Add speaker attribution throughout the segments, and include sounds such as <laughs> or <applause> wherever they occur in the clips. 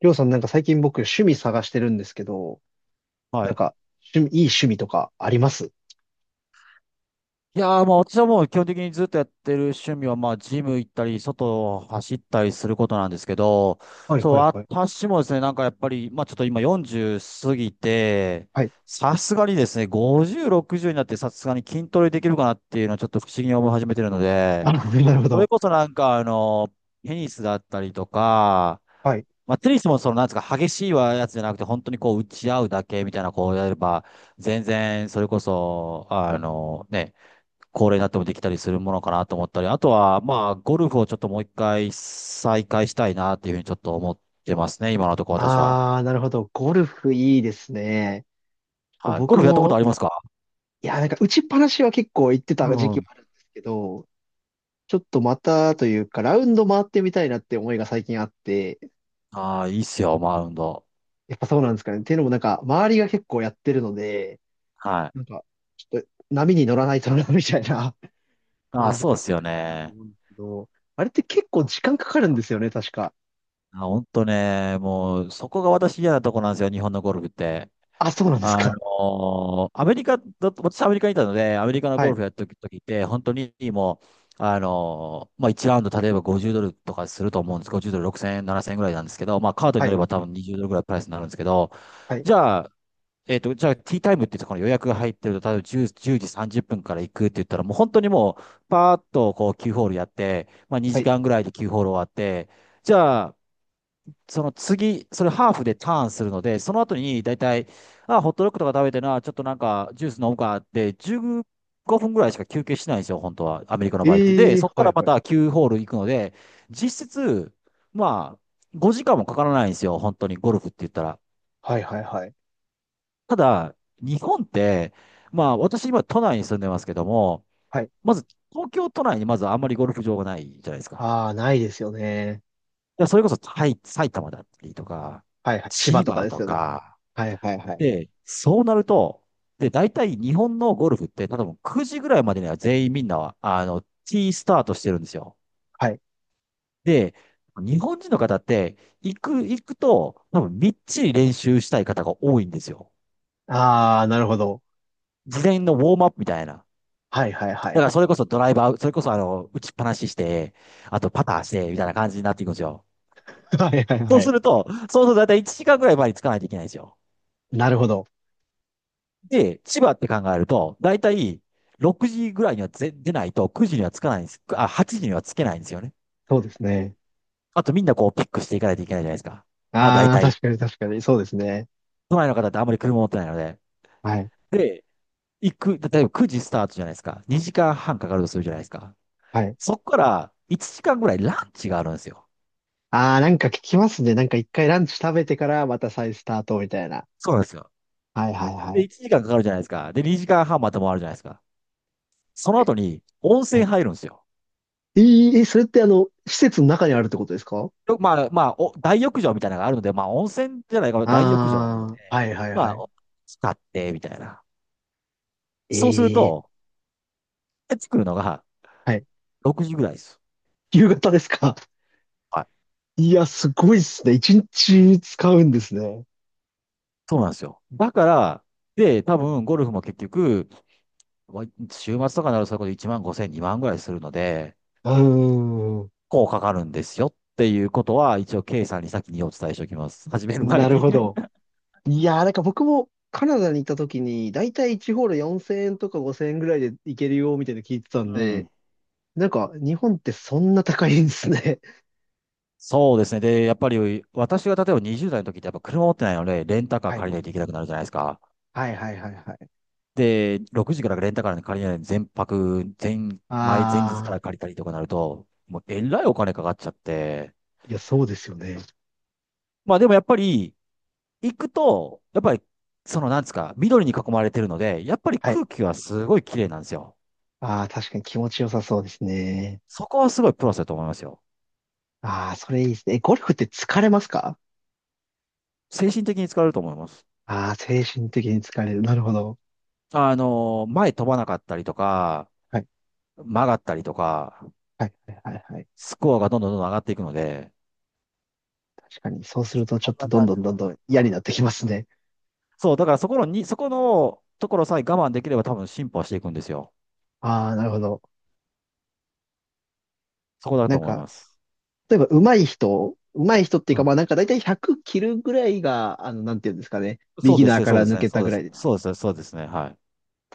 Speaker 1: りょうさん、なんか最近僕趣味探してるんですけど、
Speaker 2: は
Speaker 1: なん
Speaker 2: い。
Speaker 1: か趣味、いい趣味とかあります
Speaker 2: いやー、まあ私はもう基本的にずっとやってる趣味は、まあジム行ったり、外を走ったりすることなんですけど、
Speaker 1: はい
Speaker 2: そう、
Speaker 1: はいはい。
Speaker 2: 私もですね、なんかやっぱり、まあちょっと今40過ぎて、
Speaker 1: はい。
Speaker 2: さすがにですね、50、60になってさすがに筋トレできるかなっていうのはちょっと不思議に思い始めてるの
Speaker 1: あ、
Speaker 2: で、
Speaker 1: <laughs> なるほ
Speaker 2: それ
Speaker 1: ど。
Speaker 2: こそなんかテニスだったりとか、
Speaker 1: はい。
Speaker 2: まあテニスもそのなんですか、激しいやつじゃなくて、本当にこう打ち合うだけみたいなこうやれば、全然、それこそ、あのね、高齢になってもできたりするものかなと思ったり、あとは、まあ、ゴルフをちょっともう一回再開したいなっていうふうにちょっと思ってますね、今のところ私は。
Speaker 1: あー、なるほど。ゴルフいいですね。ちょっと
Speaker 2: はい。ゴ
Speaker 1: 僕
Speaker 2: ルフやったことあ
Speaker 1: も、
Speaker 2: りますか？
Speaker 1: いや、なんか打ちっぱなしは結構行ってた
Speaker 2: う
Speaker 1: 時期も
Speaker 2: ん。
Speaker 1: あるんですけど、ちょっとまたというか、ラウンド回ってみたいなって思いが最近あって、
Speaker 2: ああ、いいっすよ、マウンド。
Speaker 1: やっぱそうなんですかね。っていうのもなんか、周りが結構やってるので、
Speaker 2: はい。
Speaker 1: なんか、ちょっと波に乗らないとな、みたいな
Speaker 2: ああ、
Speaker 1: 感じ
Speaker 2: そうっ
Speaker 1: で回
Speaker 2: すよ
Speaker 1: りたいなと
Speaker 2: ね。
Speaker 1: 思うんですけど、あれって結構時間かかるんですよね、確か。
Speaker 2: あ、ほんとね、もう、そこが私嫌なとこなんですよ、日本のゴルフって。
Speaker 1: あ、そうなんですか。
Speaker 2: アメリカだと、私アメリカにいたので、アメリカの
Speaker 1: は
Speaker 2: ゴル
Speaker 1: い、
Speaker 2: フやってる時って、本当にもう、1ラウンド例えば50ドルとかすると思うんです。50ドル6000円、7000円ぐらいなんですけど、まあ、カードに
Speaker 1: は
Speaker 2: 乗れ
Speaker 1: い、
Speaker 2: ば多分20ドルぐらいプライスになるんですけど、
Speaker 1: はい、
Speaker 2: じゃあ、じゃあ、ティータイムっていうところに予約が入ってると、例えば10、時30分から行くって言ったら、もう本当にもう、パーッとこう9ホールやって、まあ、
Speaker 1: は
Speaker 2: 2
Speaker 1: い。
Speaker 2: 時間ぐらいで9ホール終わって、じゃあ、その次、それハーフでターンするので、その後に大体、あ、ホットドッグとか食べてな、ちょっとなんかジュース飲むかって、15分ぐらいしか休憩しないんですよ、本当は、アメリカの場合って。で、
Speaker 1: ええ、
Speaker 2: そこか
Speaker 1: はい、
Speaker 2: らま
Speaker 1: はい。
Speaker 2: た9ホール行くので、実質、まあ、5時間もかからないんですよ、本当にゴルフって言ったら。
Speaker 1: はい、はい、はい。
Speaker 2: ただ、日本って、まあ、私今都内に住んでますけども、
Speaker 1: はい。
Speaker 2: まず東京都内にまずあんまりゴルフ場がないじゃないですか。
Speaker 1: ああ、ないですよね。
Speaker 2: いや、それこそ埼玉だったりとか、
Speaker 1: はい、はい。千葉
Speaker 2: 千
Speaker 1: とか
Speaker 2: 葉
Speaker 1: です
Speaker 2: と
Speaker 1: よね。
Speaker 2: か、
Speaker 1: はい、はい、はい。
Speaker 2: で、そうなると、で、大体日本のゴルフって、多分9時ぐらいまでには全員みんなは、T スタートしてるんですよ。
Speaker 1: はい。
Speaker 2: で、日本人の方って、行くと、多分みっちり練習したい方が多いんですよ。
Speaker 1: ああ、なるほど。
Speaker 2: 事前のウォームアップみたいな。
Speaker 1: はい、はい、は
Speaker 2: だ
Speaker 1: い。
Speaker 2: からそれこそドライバー、それこそ打ちっぱなしして、あとパターして、みたいな感じになっていくんですよ。
Speaker 1: <laughs> はい、はい、
Speaker 2: そ
Speaker 1: は
Speaker 2: うす
Speaker 1: い。
Speaker 2: ると、そうすると大体1時間ぐらい前につかないといけないんですよ。
Speaker 1: なるほど。
Speaker 2: で、千葉って考えると、だいたい6時ぐらいには出ないと9時にはつかないんです。あ、8時にはつけないんですよね。
Speaker 1: そうですね。
Speaker 2: あとみんなこうピックしていかないといけないじゃないですか。あ、だい
Speaker 1: ああ、
Speaker 2: たい。
Speaker 1: 確かに、確かに。そうですね。
Speaker 2: 都内の方ってあんまり車持ってないので。
Speaker 1: はい、
Speaker 2: で、例えば9時スタートじゃないですか。2時間半かかるとするじゃないですか。
Speaker 1: はい。
Speaker 2: そこから1時間ぐらいランチがあるんですよ。
Speaker 1: ああ、なんか聞きますね。なんか一回ランチ食べてからまた再スタートみたいな。
Speaker 2: そうなんですよ。
Speaker 1: はい、はい、は
Speaker 2: で、1
Speaker 1: い。
Speaker 2: 時間かかるじゃないですか。で、2時間半また回るじゃないですか。その後に温
Speaker 1: は
Speaker 2: 泉
Speaker 1: い。
Speaker 2: 入るんですよ。
Speaker 1: ええ、えそれってあの、施設の中にあるってことですか？
Speaker 2: まあ、大浴場みたいなのがあるので、まあ、温泉じゃないかな、大浴場があるの
Speaker 1: ああー、
Speaker 2: で、
Speaker 1: はいはい
Speaker 2: ま
Speaker 1: は
Speaker 2: あ、
Speaker 1: い。
Speaker 2: 使って、みたいな。そうする
Speaker 1: ええ。
Speaker 2: と、帰ってくるのが
Speaker 1: はい。
Speaker 2: 6時ぐらいです。
Speaker 1: 夕方ですか？
Speaker 2: はい。
Speaker 1: いや、すごいっすね。一日使うんですね。
Speaker 2: そうなんですよ。だから、で、多分、ゴルフも結局、わ週末とかになるとそれこそ1万5千、2万ぐらいするので、
Speaker 1: うーん。
Speaker 2: こうかかるんですよっていうことは、一応、K さんに先にお伝えしておきます。始める前
Speaker 1: なる
Speaker 2: に。
Speaker 1: ほど。いやー、なんか僕もカナダに行った時に、だいたい1ホール4000円とか5000円ぐらいで行けるよ、みたいなの聞いてたん
Speaker 2: <laughs> う
Speaker 1: で、
Speaker 2: ん。
Speaker 1: なんか日本ってそんな高いんですね。<laughs>
Speaker 2: そうですね。で、やっぱり、私が例えば20代の時って、やっぱ車持ってないので、レンタカー
Speaker 1: はい
Speaker 2: 借りないといけなくなるじゃないですか。
Speaker 1: はいはいはいはい。
Speaker 2: で、6時からレンタカーに借りないで、全泊、全、前、前日か
Speaker 1: ああ、
Speaker 2: ら借りたりとかなると、もうえらいお金かかっちゃって、
Speaker 1: いや、そうですよね。
Speaker 2: まあでもやっぱり、行くと、やっぱり、そのなんですか、緑に囲まれてるので、やっぱり
Speaker 1: はい。
Speaker 2: 空気はすごい綺麗なんですよ。
Speaker 1: ああ、確かに気持ちよさそうですね。
Speaker 2: そこはすごいプラスだと思いますよ。
Speaker 1: ああ、それいいですね。えゴルフって疲れますか？
Speaker 2: 精神的に疲れると思います。
Speaker 1: ああー、精神的に疲れる。なるほど。
Speaker 2: 前飛ばなかったりとか、
Speaker 1: はい、
Speaker 2: 曲がったりとか、
Speaker 1: はい、はい、はい。はい。
Speaker 2: スコアがどんどんどんどん上がっていくので、
Speaker 1: 確かに、そうするとち
Speaker 2: そ
Speaker 1: ょ
Speaker 2: ん
Speaker 1: っと
Speaker 2: な
Speaker 1: ど
Speaker 2: 感
Speaker 1: んどんど
Speaker 2: じ。
Speaker 1: んどん嫌になってきますね。
Speaker 2: そう、だからそこのところさえ我慢できれば多分進歩はしていくんですよ。
Speaker 1: ああ、なるほど。
Speaker 2: そこだ
Speaker 1: な
Speaker 2: と
Speaker 1: ん
Speaker 2: 思い
Speaker 1: か、
Speaker 2: ます。
Speaker 1: 例えば上手い人、上手い人っていう
Speaker 2: う
Speaker 1: か、まあ
Speaker 2: ん。
Speaker 1: なんか大体100切るぐらいが、あの、なんていうんですかね。ビ
Speaker 2: そう
Speaker 1: ギ
Speaker 2: で
Speaker 1: ナ
Speaker 2: す
Speaker 1: ー
Speaker 2: ね、
Speaker 1: か
Speaker 2: そう
Speaker 1: ら
Speaker 2: です
Speaker 1: 抜
Speaker 2: ね、
Speaker 1: け
Speaker 2: そ
Speaker 1: た
Speaker 2: う
Speaker 1: ぐ
Speaker 2: で
Speaker 1: ら
Speaker 2: す。
Speaker 1: いで。例
Speaker 2: そうですね、そうですね、はい。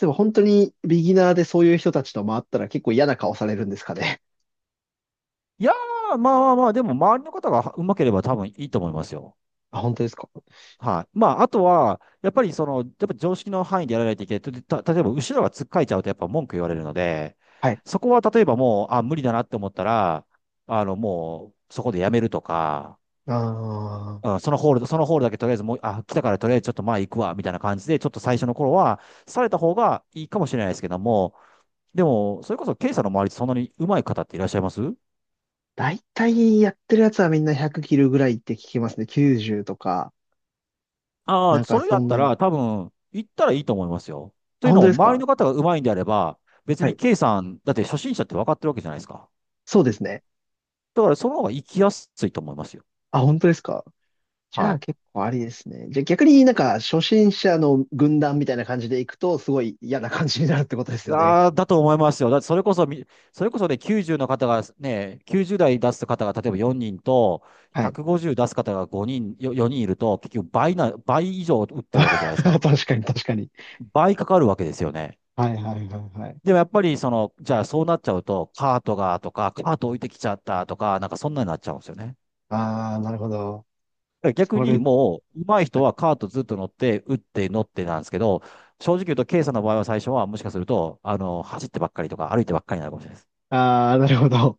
Speaker 1: えば本当にビギナーでそういう人たちと回ったら結構嫌な顔されるんですかね。
Speaker 2: いやー、まあまあまあ、でも周りの方がうまければ多分いいと思いますよ。
Speaker 1: あ、本当ですか？
Speaker 2: はい。まあ、あとは、やっぱりその、やっぱ常識の範囲でやらないといけない。例えば後ろがつっかえちゃうとやっぱ文句言われるので、
Speaker 1: はい。
Speaker 2: そこは例えばもう、あ、無理だなって思ったら、もう、そこでやめるとか、
Speaker 1: ああ、
Speaker 2: うん、そのホールそのホールだけとりあえずもう、あ、来たからとりあえずちょっと前行くわ、みたいな感じで、ちょっと最初の頃は、された方がいいかもしれないですけども、でも、それこそ、ケイさんの周りでそんなに上手い方っていらっしゃいます？
Speaker 1: 大体やってるやつはみんな100切るぐらいって聞きますね。90とか。
Speaker 2: ああ
Speaker 1: な
Speaker 2: ー、
Speaker 1: ん
Speaker 2: そ
Speaker 1: か
Speaker 2: れだ
Speaker 1: そ
Speaker 2: っ
Speaker 1: ん
Speaker 2: た
Speaker 1: なの。
Speaker 2: ら多分、行ったらいいと思いますよ。と
Speaker 1: あ、
Speaker 2: いう
Speaker 1: 本
Speaker 2: の
Speaker 1: 当
Speaker 2: も、
Speaker 1: です
Speaker 2: 周り
Speaker 1: か？
Speaker 2: の方が上手いんであれば、別
Speaker 1: は
Speaker 2: に
Speaker 1: い。
Speaker 2: ケイさん、だって初心者って分かってるわけじゃないですか。
Speaker 1: そうですね。
Speaker 2: だから、その方が行きやすいと思いますよ。
Speaker 1: あ、本当ですか？じゃ
Speaker 2: は
Speaker 1: あ
Speaker 2: い。
Speaker 1: 結構ありですね。じゃあ逆になんか初心者の軍団みたいな感じで行くとすごい嫌な感じになるってことですよね。
Speaker 2: ああ、だと思いますよ。だって、それこそね、90の方がね、90代出す方が例えば4人と、
Speaker 1: はい。
Speaker 2: 150出す方が5人、4人いると、結局倍な、倍以上打っ
Speaker 1: <laughs>
Speaker 2: てるわけじゃないです
Speaker 1: 確
Speaker 2: か。
Speaker 1: かに、確かに。
Speaker 2: 倍かかるわけですよね。
Speaker 1: はいはいはいはい。
Speaker 2: でもやっぱりその、じゃあそうなっちゃうと、カートがとか、カート置いてきちゃったとか、なんかそんなになっちゃうんですよね。
Speaker 1: ああ、なるほど。
Speaker 2: だから逆
Speaker 1: そ
Speaker 2: に
Speaker 1: れ、
Speaker 2: もう、上手い
Speaker 1: は
Speaker 2: 人
Speaker 1: い、
Speaker 2: はカートずっと乗って、打って、乗ってなんですけど、正直言うと、K さんの場合は最初はもしかすると、走ってばっかりとか歩いてばっかりになるかもしれないです。
Speaker 1: ああ、なるほど。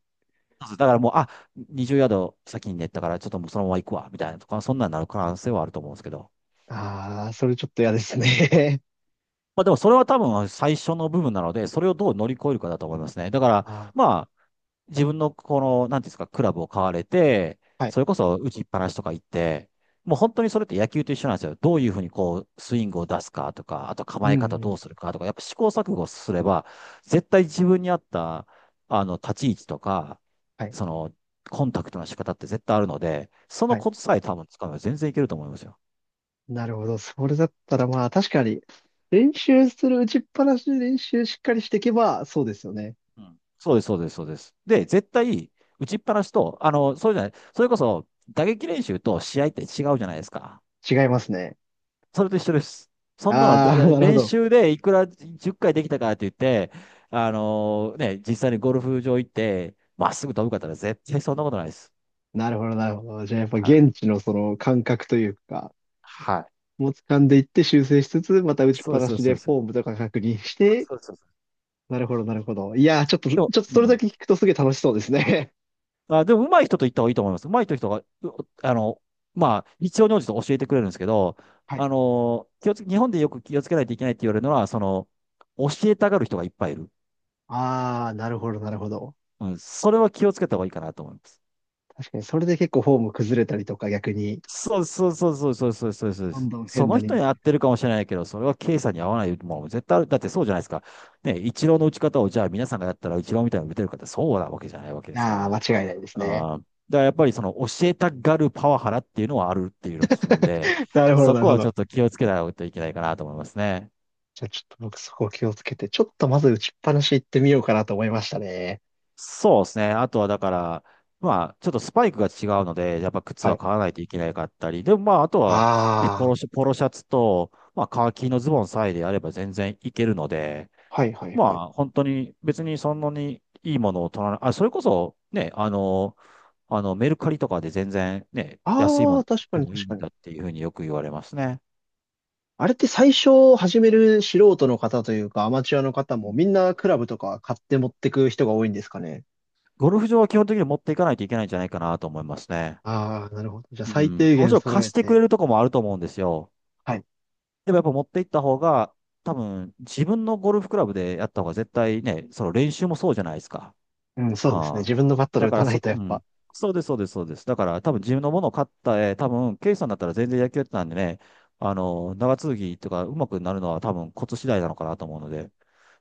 Speaker 2: そうですだからもう、あ、20ヤード先に寝たから、ちょっともうそのまま行くわ、みたいなとか、そんなになる可能性はあると思うんですけど。
Speaker 1: ああ、それちょっと嫌ですね。
Speaker 2: まあでもそれは多分最初の部分なので、それをどう乗り越えるかだと思いますね。だから、
Speaker 1: <laughs> あ
Speaker 2: まあ、自分のこの、なんていうんですか、クラブを買われて、
Speaker 1: あ、はい。
Speaker 2: それこそ打ちっぱなしとか行って、もう本当にそれって野球と一緒なんですよ。どういうふうにこう、スイングを出すかとか、あと
Speaker 1: う
Speaker 2: 構え
Speaker 1: ん、
Speaker 2: 方
Speaker 1: う
Speaker 2: どう
Speaker 1: ん。
Speaker 2: するかとか、やっぱ試行錯誤すれば、絶対自分に合った、立ち位置とか、
Speaker 1: はい。
Speaker 2: その、コンタクトの仕方って絶対あるので、その
Speaker 1: はい。
Speaker 2: コツさえ多分使めば全然いけると思いますよ。
Speaker 1: なるほど。それだったらまあ確かに、練習する打ちっぱなしで練習しっかりしていけば、そうですよね。
Speaker 2: うん。そうです、そうです、そうです。で、絶対、打ちっぱなしと、そうじゃない、それこそ、打撃練習と試合って違うじゃないですか。
Speaker 1: 違いますね。
Speaker 2: それと一緒です。そんなの、
Speaker 1: ああ、<laughs> なるほ
Speaker 2: 練
Speaker 1: ど。
Speaker 2: 習でいくら10回できたからって言って、ね、実際にゴルフ場行って、まっすぐ飛ぶかったら絶対そんなことないです。
Speaker 1: なるほど、なるほど。じゃあやっぱ
Speaker 2: はい。
Speaker 1: 現地のその感覚というか、
Speaker 2: はい。
Speaker 1: もう掴んでいって修正しつつ、また打ちっ
Speaker 2: そう
Speaker 1: ぱ
Speaker 2: です、
Speaker 1: な
Speaker 2: そうで
Speaker 1: し
Speaker 2: す、そ
Speaker 1: で
Speaker 2: う
Speaker 1: フ
Speaker 2: です。
Speaker 1: ォームとか確認して、
Speaker 2: そうです、そうです。
Speaker 1: なるほど、なるほど。いやー、ちょっと、ちょ
Speaker 2: で
Speaker 1: っ
Speaker 2: も、
Speaker 1: と
Speaker 2: う
Speaker 1: それだ
Speaker 2: ん。
Speaker 1: け聞くとすげえ楽しそうですね。
Speaker 2: あ、でも、上手い人と行った方がいいと思います。上手い人が、うあの、まあ、必要に応じて教えてくれるんですけど、
Speaker 1: <laughs> はい。
Speaker 2: あのー気をつけ、日本でよく気をつけないといけないって言われるのは、教えたがる人がいっぱいいる。
Speaker 1: ああ、なるほど、なるほど。
Speaker 2: うん。それは気をつけた方がいいかなと思います。
Speaker 1: 確かに、それで結構フォーム崩れたりとか逆に、
Speaker 2: そうそうそうそうそうそうそうそうで
Speaker 1: どん
Speaker 2: す。
Speaker 1: どん
Speaker 2: そ
Speaker 1: 変
Speaker 2: の
Speaker 1: なに
Speaker 2: 人
Speaker 1: なっ
Speaker 2: に合っ
Speaker 1: て。
Speaker 2: てるかもしれないけど、それは経営さんに合わないもの絶対ある。だってそうじゃないですか。ね、イチローの打ち方をじゃあ皆さんがやったらイチローみたいに打てるかってそうなわけじゃないわけ
Speaker 1: い
Speaker 2: ですか
Speaker 1: や
Speaker 2: ら。
Speaker 1: ー、間違いないですね。
Speaker 2: だからやっぱりその教えたがるパワハラっていうのはあるっていうのを聞くんで、
Speaker 1: <laughs> なるほど、
Speaker 2: そ
Speaker 1: なる
Speaker 2: こ
Speaker 1: ほ
Speaker 2: はち
Speaker 1: ど。
Speaker 2: ょっと気をつけないといけないかなと思いますね。
Speaker 1: じゃあちょっと僕そこを気をつけて、ちょっとまず打ちっぱなし行ってみようかなと思いましたね。
Speaker 2: そうですね。あとはだから、まあ、ちょっとスパイクが違うので、やっぱ靴
Speaker 1: は
Speaker 2: は
Speaker 1: い。
Speaker 2: 買わないといけなかったり、でもまあ、あとは、ね、
Speaker 1: あ
Speaker 2: ポロシャツと、まあ、カーキのズボンさえであれば全然いけるので、
Speaker 1: あ、はいはい
Speaker 2: ま
Speaker 1: はい。
Speaker 2: あ、本当に別にそんなにいいものを取らない、それこそ、ね、メルカリとかで全然ね、安いも
Speaker 1: ああ、
Speaker 2: の買
Speaker 1: 確
Speaker 2: っ
Speaker 1: か
Speaker 2: て
Speaker 1: に、
Speaker 2: もい
Speaker 1: 確
Speaker 2: い
Speaker 1: か
Speaker 2: ん
Speaker 1: に。
Speaker 2: だっていうふうによく言われますね。
Speaker 1: あれって最初始める素人の方というかアマチュアの方
Speaker 2: う
Speaker 1: も
Speaker 2: ん。
Speaker 1: みんなクラブとか買って持ってく人が多いんですかね。
Speaker 2: ゴルフ場は基本的に持っていかないといけないんじゃないかなと思いますね。
Speaker 1: ああ、なるほど。じゃあ
Speaker 2: う
Speaker 1: 最
Speaker 2: ん。
Speaker 1: 低
Speaker 2: もち
Speaker 1: 限
Speaker 2: ろん
Speaker 1: 揃
Speaker 2: 貸
Speaker 1: え
Speaker 2: してく
Speaker 1: て。
Speaker 2: れるとこもあると思うんですよ。
Speaker 1: はい。
Speaker 2: でもやっぱ持っていった方が、多分自分のゴルフクラブでやった方が絶対ね、その練習もそうじゃないですか。
Speaker 1: うん、そうですね。
Speaker 2: ああ。
Speaker 1: 自分のバットで
Speaker 2: だ
Speaker 1: 打
Speaker 2: か
Speaker 1: た
Speaker 2: ら
Speaker 1: な
Speaker 2: そ
Speaker 1: いと
Speaker 2: こ、
Speaker 1: や
Speaker 2: う
Speaker 1: っ
Speaker 2: ん。
Speaker 1: ぱ。
Speaker 2: そうです、そうです、そうです。だから多分自分のものを買った多分、ケイさんだったら全然野球やってたんでね、長続きとか上手くなるのは多分コツ次第なのかなと思うので、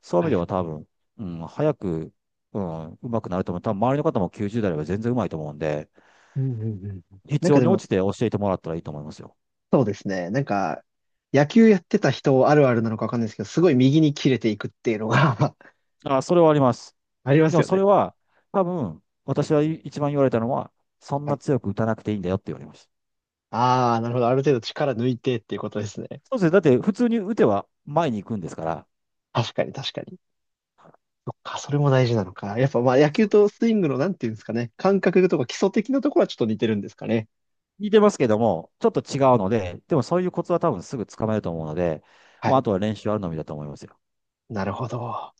Speaker 2: そういう意
Speaker 1: は
Speaker 2: 味で
Speaker 1: い。
Speaker 2: は多分、うん、早く、うん、上手くなると思う。多分周りの方も90代では全然上手いと思うんで、
Speaker 1: うんうんうんうん。な
Speaker 2: 必
Speaker 1: んか
Speaker 2: 要
Speaker 1: で
Speaker 2: に応
Speaker 1: も、
Speaker 2: じて教えてもらったらいいと思いますよ。
Speaker 1: そうですね。なんか、野球やってた人あるあるなのかわかんないですけど、すごい右に切れていくっていうのが <laughs>
Speaker 2: あ、それはあります。
Speaker 1: ありま
Speaker 2: で
Speaker 1: す
Speaker 2: も
Speaker 1: よ
Speaker 2: それ
Speaker 1: ね。
Speaker 2: は、多分、私は一番言われたのは、そん
Speaker 1: は
Speaker 2: な
Speaker 1: い。
Speaker 2: 強く打たなくていいんだよって言われました。
Speaker 1: ああ、なるほど。ある程度力抜いてっていうことですね。
Speaker 2: そうですね。だって普通に打ては前に行くんですから、
Speaker 1: 確かに、確かに。そっか、それも大事なのか。やっぱまあ野球
Speaker 2: そう、
Speaker 1: とスイングのなんていうんですかね。感覚とか基礎的なところはちょっと似てるんですかね。
Speaker 2: 似てますけども、ちょっと違うので、でもそういうコツは多分すぐつかめると思うので、
Speaker 1: は
Speaker 2: もうあ
Speaker 1: い。
Speaker 2: とは練習あるのみだと思いますよ。
Speaker 1: なるほど。